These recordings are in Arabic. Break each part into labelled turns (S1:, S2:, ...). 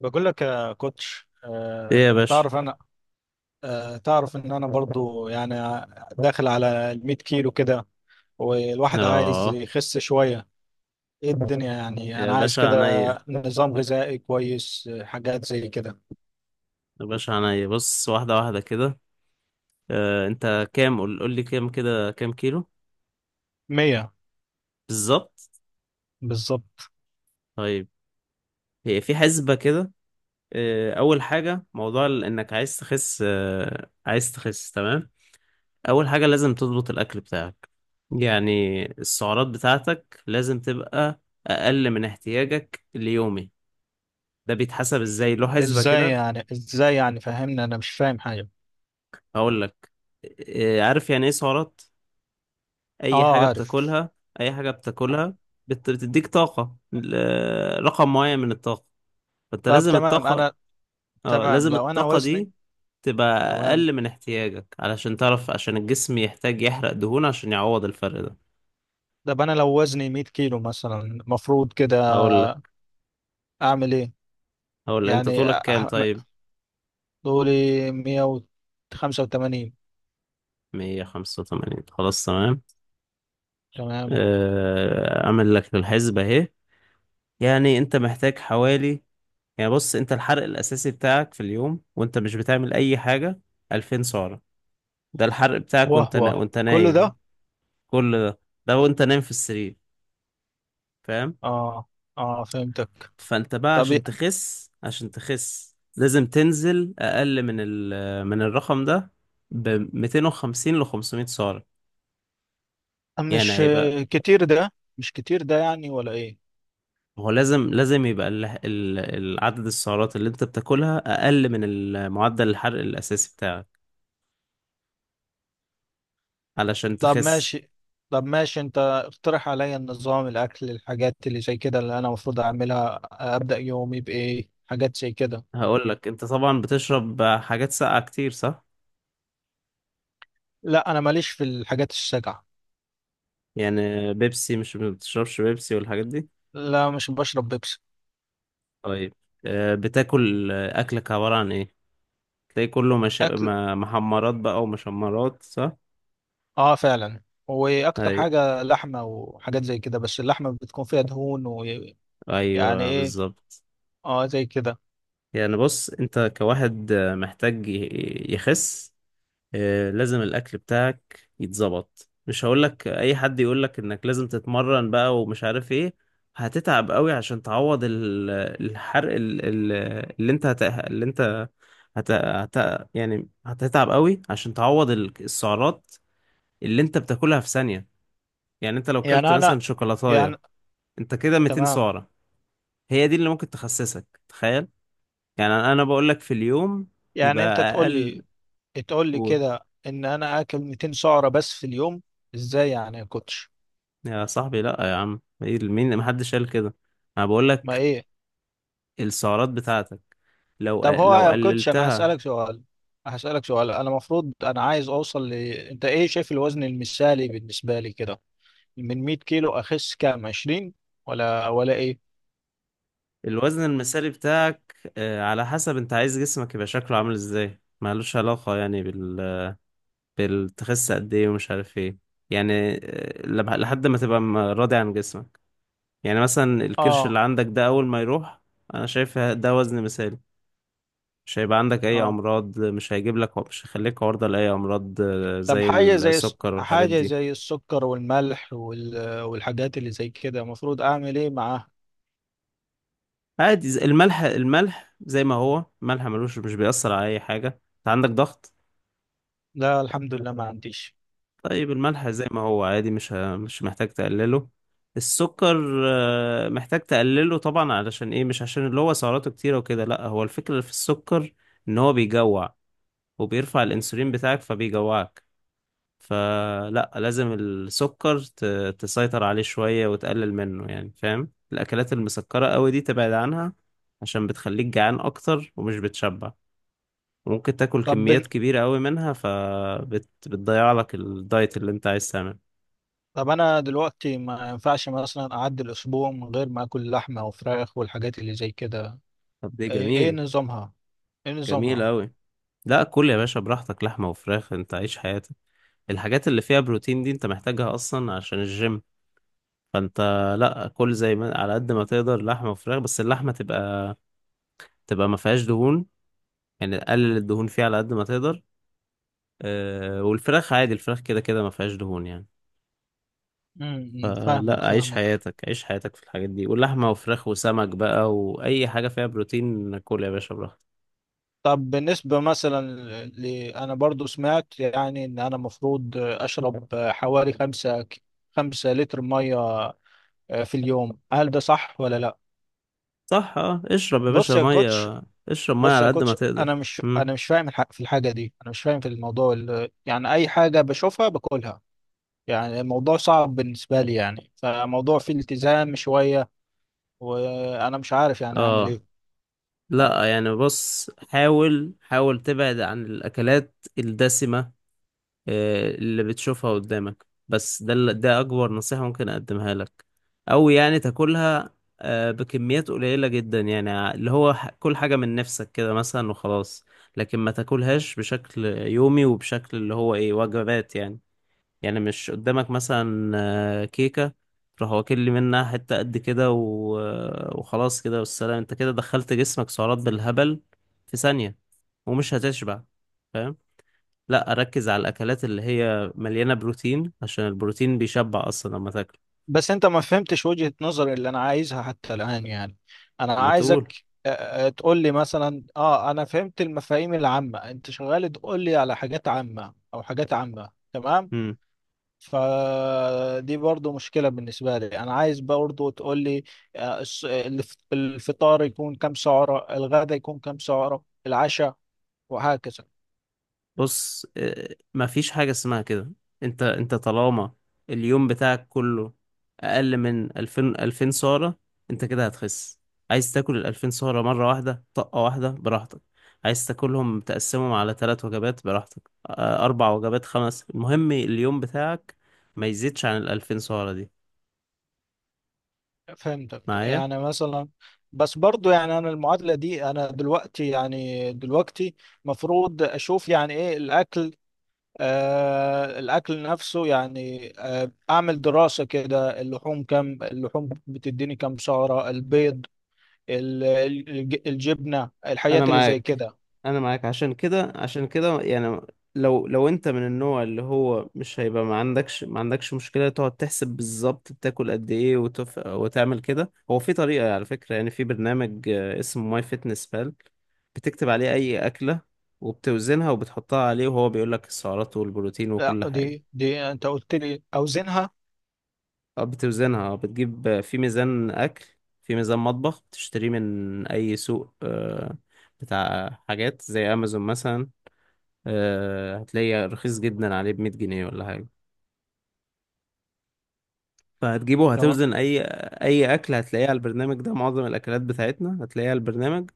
S1: بقول لك يا كوتش،
S2: ايه يا باشا.
S1: تعرف ان انا برضو يعني داخل على ال 100 كيلو كده. والواحد عايز
S2: اه
S1: يخس شوية. ايه الدنيا؟ يعني
S2: يا
S1: انا عايز
S2: باشا
S1: كده
S2: عينيا
S1: نظام غذائي كويس، حاجات زي كده.
S2: يا باشا عينيا، بص، واحدة واحدة كده. انت كام؟ قول لي كام كده، كام كيلو؟
S1: 100.
S2: بالظبط.
S1: بالظبط.
S2: طيب، هي في حسبة كده. اول حاجة، موضوع انك عايز تخس، تمام. اول حاجة لازم تضبط الاكل بتاعك، يعني السعرات بتاعتك لازم تبقى اقل من احتياجك اليومي. ده بيتحسب ازاي؟ له حسبة
S1: ازاي
S2: كده.
S1: يعني ازاي يعني فهمني، انا مش فاهم حاجة.
S2: هقول لك، عارف يعني ايه سعرات؟ اي
S1: اه،
S2: حاجه
S1: عارف.
S2: بتاكلها، اي حاجه بتاكلها بتديك طاقه، رقم معين من الطاقه، فانت
S1: طب
S2: لازم
S1: تمام،
S2: الطاقه،
S1: انا.
S2: اه
S1: تمام
S2: لازم
S1: لو انا
S2: الطاقه
S1: وزني.
S2: دي تبقى
S1: تمام.
S2: اقل من احتياجك، علشان تعرف، عشان الجسم يحتاج يحرق دهون عشان يعوض الفرق ده.
S1: طب انا لو وزني 100 كيلو مثلا، المفروض كده
S2: هقول لك
S1: اعمل ايه؟
S2: هقول لك، انت
S1: يعني
S2: طولك كام طيب؟
S1: دوري، 185.
S2: 185، خلاص تمام.
S1: تمام.
S2: اعمل لك الحسبه اهي. يعني انت محتاج حوالي، يعني بص، انت الحرق الاساسي بتاعك في اليوم وانت مش بتعمل اي حاجه 2000 سعره. ده الحرق بتاعك
S1: واه
S2: وانت
S1: واه، كل ده؟
S2: نايم. كل ده وانت نايم في السرير. فاهم؟
S1: اه اه، فهمتك.
S2: فانت بقى
S1: طب
S2: عشان
S1: إيه-
S2: تخس، لازم تنزل اقل من الرقم ده ب 250 ل 500 سعرة. يعني
S1: مش
S2: هيبقى
S1: كتير ده مش كتير ده يعني، ولا ايه؟
S2: هو لازم يبقى العدد، السعرات اللي انت بتاكلها اقل من معدل الحرق الاساسي بتاعك علشان
S1: طب
S2: تخس.
S1: ماشي. انت اقترح عليا النظام، الاكل، الحاجات اللي زي كده اللي انا المفروض اعملها. ابدا يومي بايه، حاجات زي كده.
S2: هقول لك، انت طبعا بتشرب حاجات ساقعة كتير صح؟
S1: لا، انا ماليش في الحاجات الساقعه.
S2: يعني بيبسي، مش بتشربش بيبسي والحاجات دي؟
S1: لا، مش بشرب بيبسي.
S2: طيب. آه، بتاكل آه، اكلك عبارة عن ايه؟ تلاقي كله مش...
S1: اكل.
S2: ما- محمرات بقى ومشمرات صح؟
S1: اه فعلا. واكتر
S2: ايوه،
S1: حاجه لحمه وحاجات زي كده، بس اللحمه بتكون فيها دهون ويعني.
S2: ايوه،
S1: ايه.
S2: بالظبط.
S1: اه، زي كده.
S2: يعني بص، انت كواحد محتاج يخس، لازم الاكل بتاعك يتظبط. مش هقولك اي حد يقولك انك لازم تتمرن بقى ومش عارف ايه، هتتعب قوي عشان تعوض الحرق، ال- ال- اللي انت هت... اللي انت هت... هت... يعني هتتعب قوي عشان تعوض السعرات اللي انت بتاكلها في ثانية. يعني انت لو كلت
S1: يعني انا،
S2: مثلا شوكولاتاية
S1: يعني،
S2: انت كده 200
S1: تمام.
S2: سعرة. هي دي اللي ممكن تخسسك، تخيل. يعني انا بقول لك في اليوم يبقى
S1: يعني انت تقول
S2: اقل.
S1: لي،
S2: قول.
S1: كده ان انا اكل 200 سعرة بس في اليوم؟ ازاي يعني يا كوتش؟
S2: يا صاحبي، لا يا عم، ايه، مين؟ محدش قال كده، انا بقول
S1: ما
S2: لك
S1: ايه.
S2: السعرات بتاعتك، لو
S1: طب هو
S2: لو
S1: يا كوتش انا
S2: قللتها.
S1: هسألك سؤال. انا المفروض، انا عايز اوصل انت ايه شايف الوزن المثالي بالنسبة لي كده؟ من 100 كيلو اخس كام؟ 20؟ ولا ايه؟
S2: الوزن المثالي بتاعك على حسب انت عايز جسمك يبقى شكله عامل ازاي، مالوش علاقة يعني بالتخس قد ايه ومش عارف ايه. يعني لحد ما تبقى راضي عن جسمك. يعني مثلا الكرش
S1: اه
S2: اللي عندك ده اول ما يروح، انا شايف ده وزن مثالي، مش هيبقى عندك اي
S1: اه.
S2: امراض، مش هيجيب لك مش هيخليك عرضة لاي امراض
S1: طب
S2: زي السكر والحاجات
S1: حاجة
S2: دي.
S1: زي السكر والملح والحاجات اللي زي كده، المفروض اعمل ايه معاها؟
S2: عادي، الملح، زي ما هو. الملح ملوش، مش بيأثر على اي حاجة. انت عندك ضغط؟
S1: لا الحمد لله، ما عنديش.
S2: طيب، الملح زي ما هو عادي، مش محتاج تقلله. السكر محتاج تقلله طبعا. علشان ايه؟ مش عشان اللي هو سعراته كتيرة وكده، لا، هو الفكرة في السكر ان هو بيجوع، وبيرفع الانسولين بتاعك فبيجوعك، فلا لازم السكر تسيطر عليه شوية وتقلل منه، يعني فاهم. الأكلات المسكرة قوي دي تبعد عنها، عشان بتخليك جعان أكتر ومش بتشبع، وممكن تاكل
S1: طب
S2: كميات كبيرة قوي منها فبتضيع لك الدايت اللي انت عايز تعمله.
S1: طب انا دلوقتي ما ينفعش مثلا اعدي الاسبوع من غير ما اكل لحمه وفراخ والحاجات اللي زي كده؟
S2: طب دي
S1: إيه
S2: جميل،
S1: نظامها؟ ايه
S2: جميل
S1: نظامها؟
S2: قوي. لا، كل يا باشا براحتك، لحمة وفراخ، انت عيش حياتك، الحاجات اللي فيها بروتين دي انت محتاجها أصلا عشان الجيم، فانت لا، كل زي ما على قد ما تقدر لحمة وفراخ، بس اللحمة تبقى، ما فيهاش دهون، يعني قلل الدهون فيه على قد ما تقدر. والفراخ عادي، الفراخ كده كده ما فيهاش دهون يعني.
S1: فاهمك
S2: فلا، عيش
S1: فاهمك.
S2: حياتك، عيش حياتك في الحاجات دي، واللحمة وفراخ وسمك بقى وأي حاجة فيها بروتين، كل يا باشا براحتك.
S1: طب بالنسبه مثلا ل... انا برضو سمعت يعني ان انا مفروض اشرب حوالي خمسة لتر ميه في اليوم، هل ده صح ولا لا؟
S2: صح، اه، اشرب يا باشا
S1: بص يا كوتش.
S2: مية، اشرب مية على قد ما تقدر.
S1: انا مش انا
S2: مم.
S1: مش فاهم في الحاجه دي. انا مش فاهم في الموضوع يعني اي حاجه بشوفها باكلها. يعني الموضوع صعب بالنسبه لي، يعني فموضوع فيه التزام شويه، وانا مش عارف يعني اعمل
S2: اه.
S1: ايه.
S2: لا يعني بص، حاول تبعد عن الأكلات الدسمة اللي بتشوفها قدامك، بس ده ده أكبر نصيحة ممكن أقدمها لك. أو يعني تاكلها بكميات قليلة جدا، يعني كل حاجة من نفسك كده مثلا وخلاص، لكن ما تاكلهاش بشكل يومي وبشكل اللي هو إيه، وجبات يعني. يعني مش قدامك مثلا كيكة تروح واكل لي منها حتة قد كده وخلاص كده والسلام، انت كده دخلت جسمك سعرات بالهبل في ثانية ومش هتشبع، فاهم؟ لا، اركز على الاكلات اللي هي مليانه بروتين، عشان البروتين بيشبع اصلا لما تاكل.
S1: بس انت ما فهمتش وجهه نظري اللي انا عايزها حتى الان يعني. انا
S2: ما تقول.
S1: عايزك تقول لي مثلا. اه انا فهمت المفاهيم العامه، انت شغال تقول لي على حاجات عامه، او حاجات عامه، تمام.
S2: امم
S1: فدي برضو مشكلة بالنسبة لي، أنا عايز برضو تقول لي الفطار يكون كم سعرة، الغدا يكون كم سعرة، العشاء، وهكذا.
S2: بص، ما فيش حاجه اسمها كده. انت طالما اليوم بتاعك كله اقل من 2000، 2000 سعره، انت كده هتخس. عايز تاكل ال 2000 سعره مره واحده، طقه واحده، براحتك، عايز تاكلهم تقسمهم على ثلاث وجبات براحتك، اربع وجبات، خمس، المهم اليوم بتاعك ما يزيدش عن ال 2000 سعره دي.
S1: فهمتك
S2: معايا؟
S1: يعني مثلا. بس برضو يعني أنا المعادلة دي، أنا دلوقتي، مفروض أشوف يعني إيه الأكل. الأكل نفسه، يعني أعمل دراسة كده، اللحوم بتديني كم سعرة؟ البيض، الجبنة،
S2: انا
S1: الحاجات اللي زي
S2: معاك
S1: كده.
S2: انا معاك عشان كده، يعني لو، انت من النوع اللي هو مش هيبقى ما عندكش مشكله تقعد تحسب بالظبط بتاكل قد ايه وتعمل كده، هو في طريقه على فكره، يعني في برنامج اسمه ماي فيتنس بال، بتكتب عليه اي اكله وبتوزنها وبتحطها عليه، وهو بيقول لك السعرات والبروتين
S1: لا
S2: وكل حاجه.
S1: دي انت قلت لي اوزنها.
S2: اه، بتوزنها، اه بتجيب آه، في ميزان اكل، في ميزان مطبخ بتشتريه من اي سوق بتاع حاجات زي امازون مثلا. هتلاقيه رخيص جدا عليه، بمية جنيه ولا حاجة. فهتجيبه،
S1: تمام.
S2: هتوزن أي أكل هتلاقيه على البرنامج ده، معظم الأكلات بتاعتنا هتلاقيها على البرنامج،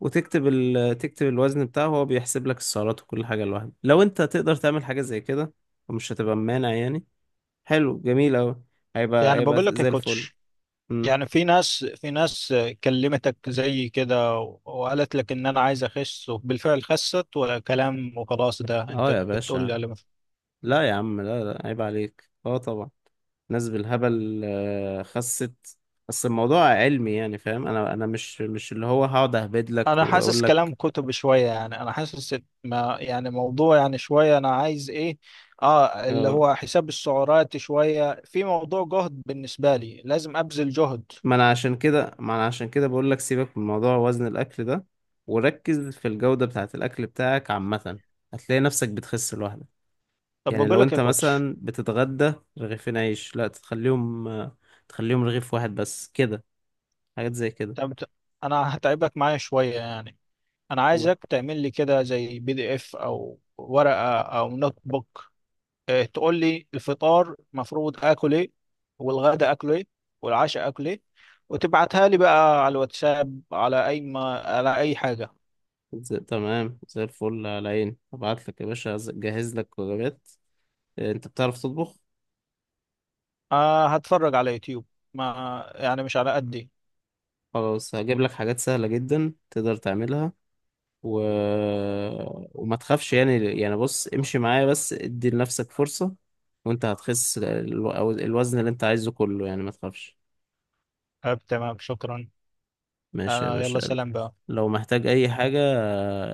S2: وتكتب تكتب الوزن بتاعه، هو بيحسب لك السعرات وكل حاجة لوحده. لو أنت تقدر تعمل حاجة زي كده ومش هتبقى مانع يعني، حلو، جميل أوي،
S1: يعني
S2: هيبقى
S1: بقول لك يا
S2: زي الفل.
S1: كوتش،
S2: مم.
S1: يعني في ناس كلمتك زي كده وقالت لك ان انا عايز اخس، وبالفعل خست، ولا كلام وخلاص؟ ده
S2: اه
S1: انت
S2: يا
S1: بتقول لي
S2: باشا،
S1: على- ما-
S2: لا يا عم، لا، لا، عيب عليك، اه طبعا، ناس بالهبل خست، بس الموضوع علمي، يعني فاهم، انا مش اللي هو هقعد اهبد لك
S1: انا حاسس
S2: واقول لك.
S1: كلام كتب شوية، يعني انا حاسس إن ما يعني موضوع، يعني شوية انا عايز ايه؟ اه اللي
S2: اه،
S1: هو حساب السعرات شوية، في موضوع جهد بالنسبة لي، لازم ابذل جهد.
S2: ما انا عشان كده بقول لك، سيبك من موضوع وزن الاكل ده وركز في الجودة بتاعة الاكل بتاعك عامة، هتلاقي نفسك بتخس لوحدك.
S1: طب
S2: يعني
S1: بقول
S2: لو
S1: لك يا
S2: انت
S1: كوتش.
S2: مثلا بتتغدى رغيفين عيش، لا، تخليهم تخليهم رغيف واحد بس كده، حاجات زي كده.
S1: طب ت- انا هتعبك معايا شوية يعني. انا عايزك تعمل لي كده زي PDF او ورقة او نوت بوك، تقول لي الفطار المفروض اكل ايه، والغدا اكل ايه، والعشاء اكل ايه، وتبعتها لي بقى على الواتساب، على اي ما على اي حاجة.
S2: تمام، زي الفل، على عيني، هبعت لك يا باشا، جهز لك وجبات. إيه، انت بتعرف تطبخ؟
S1: أه، هتفرج على يوتيوب. ما يعني مش على قدي.
S2: خلاص هجيب لك حاجات سهلة جدا تقدر تعملها و... وما تخافش يعني. يعني بص، امشي معايا بس، ادي لنفسك فرصة، وانت هتخس الوزن اللي انت عايزه كله، يعني ما تخافش.
S1: طب تمام، شكرا.
S2: ماشي يا
S1: انا، يلا،
S2: باشا.
S1: سلام بقى.
S2: لو محتاج اي حاجة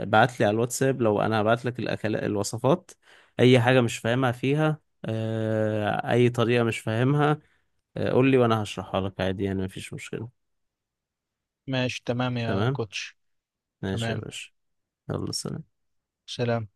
S2: ابعت لي على الواتساب، لو انا هبعت لك الاكل، الوصفات، اي حاجة مش فاهمها فيها اي طريقة مش فاهمها قول لي وانا هشرحها لك عادي يعني مفيش مشكلة.
S1: ماشي تمام يا
S2: تمام،
S1: كوتش.
S2: ماشي يا
S1: تمام.
S2: باشا، يلا سلام.
S1: سلام.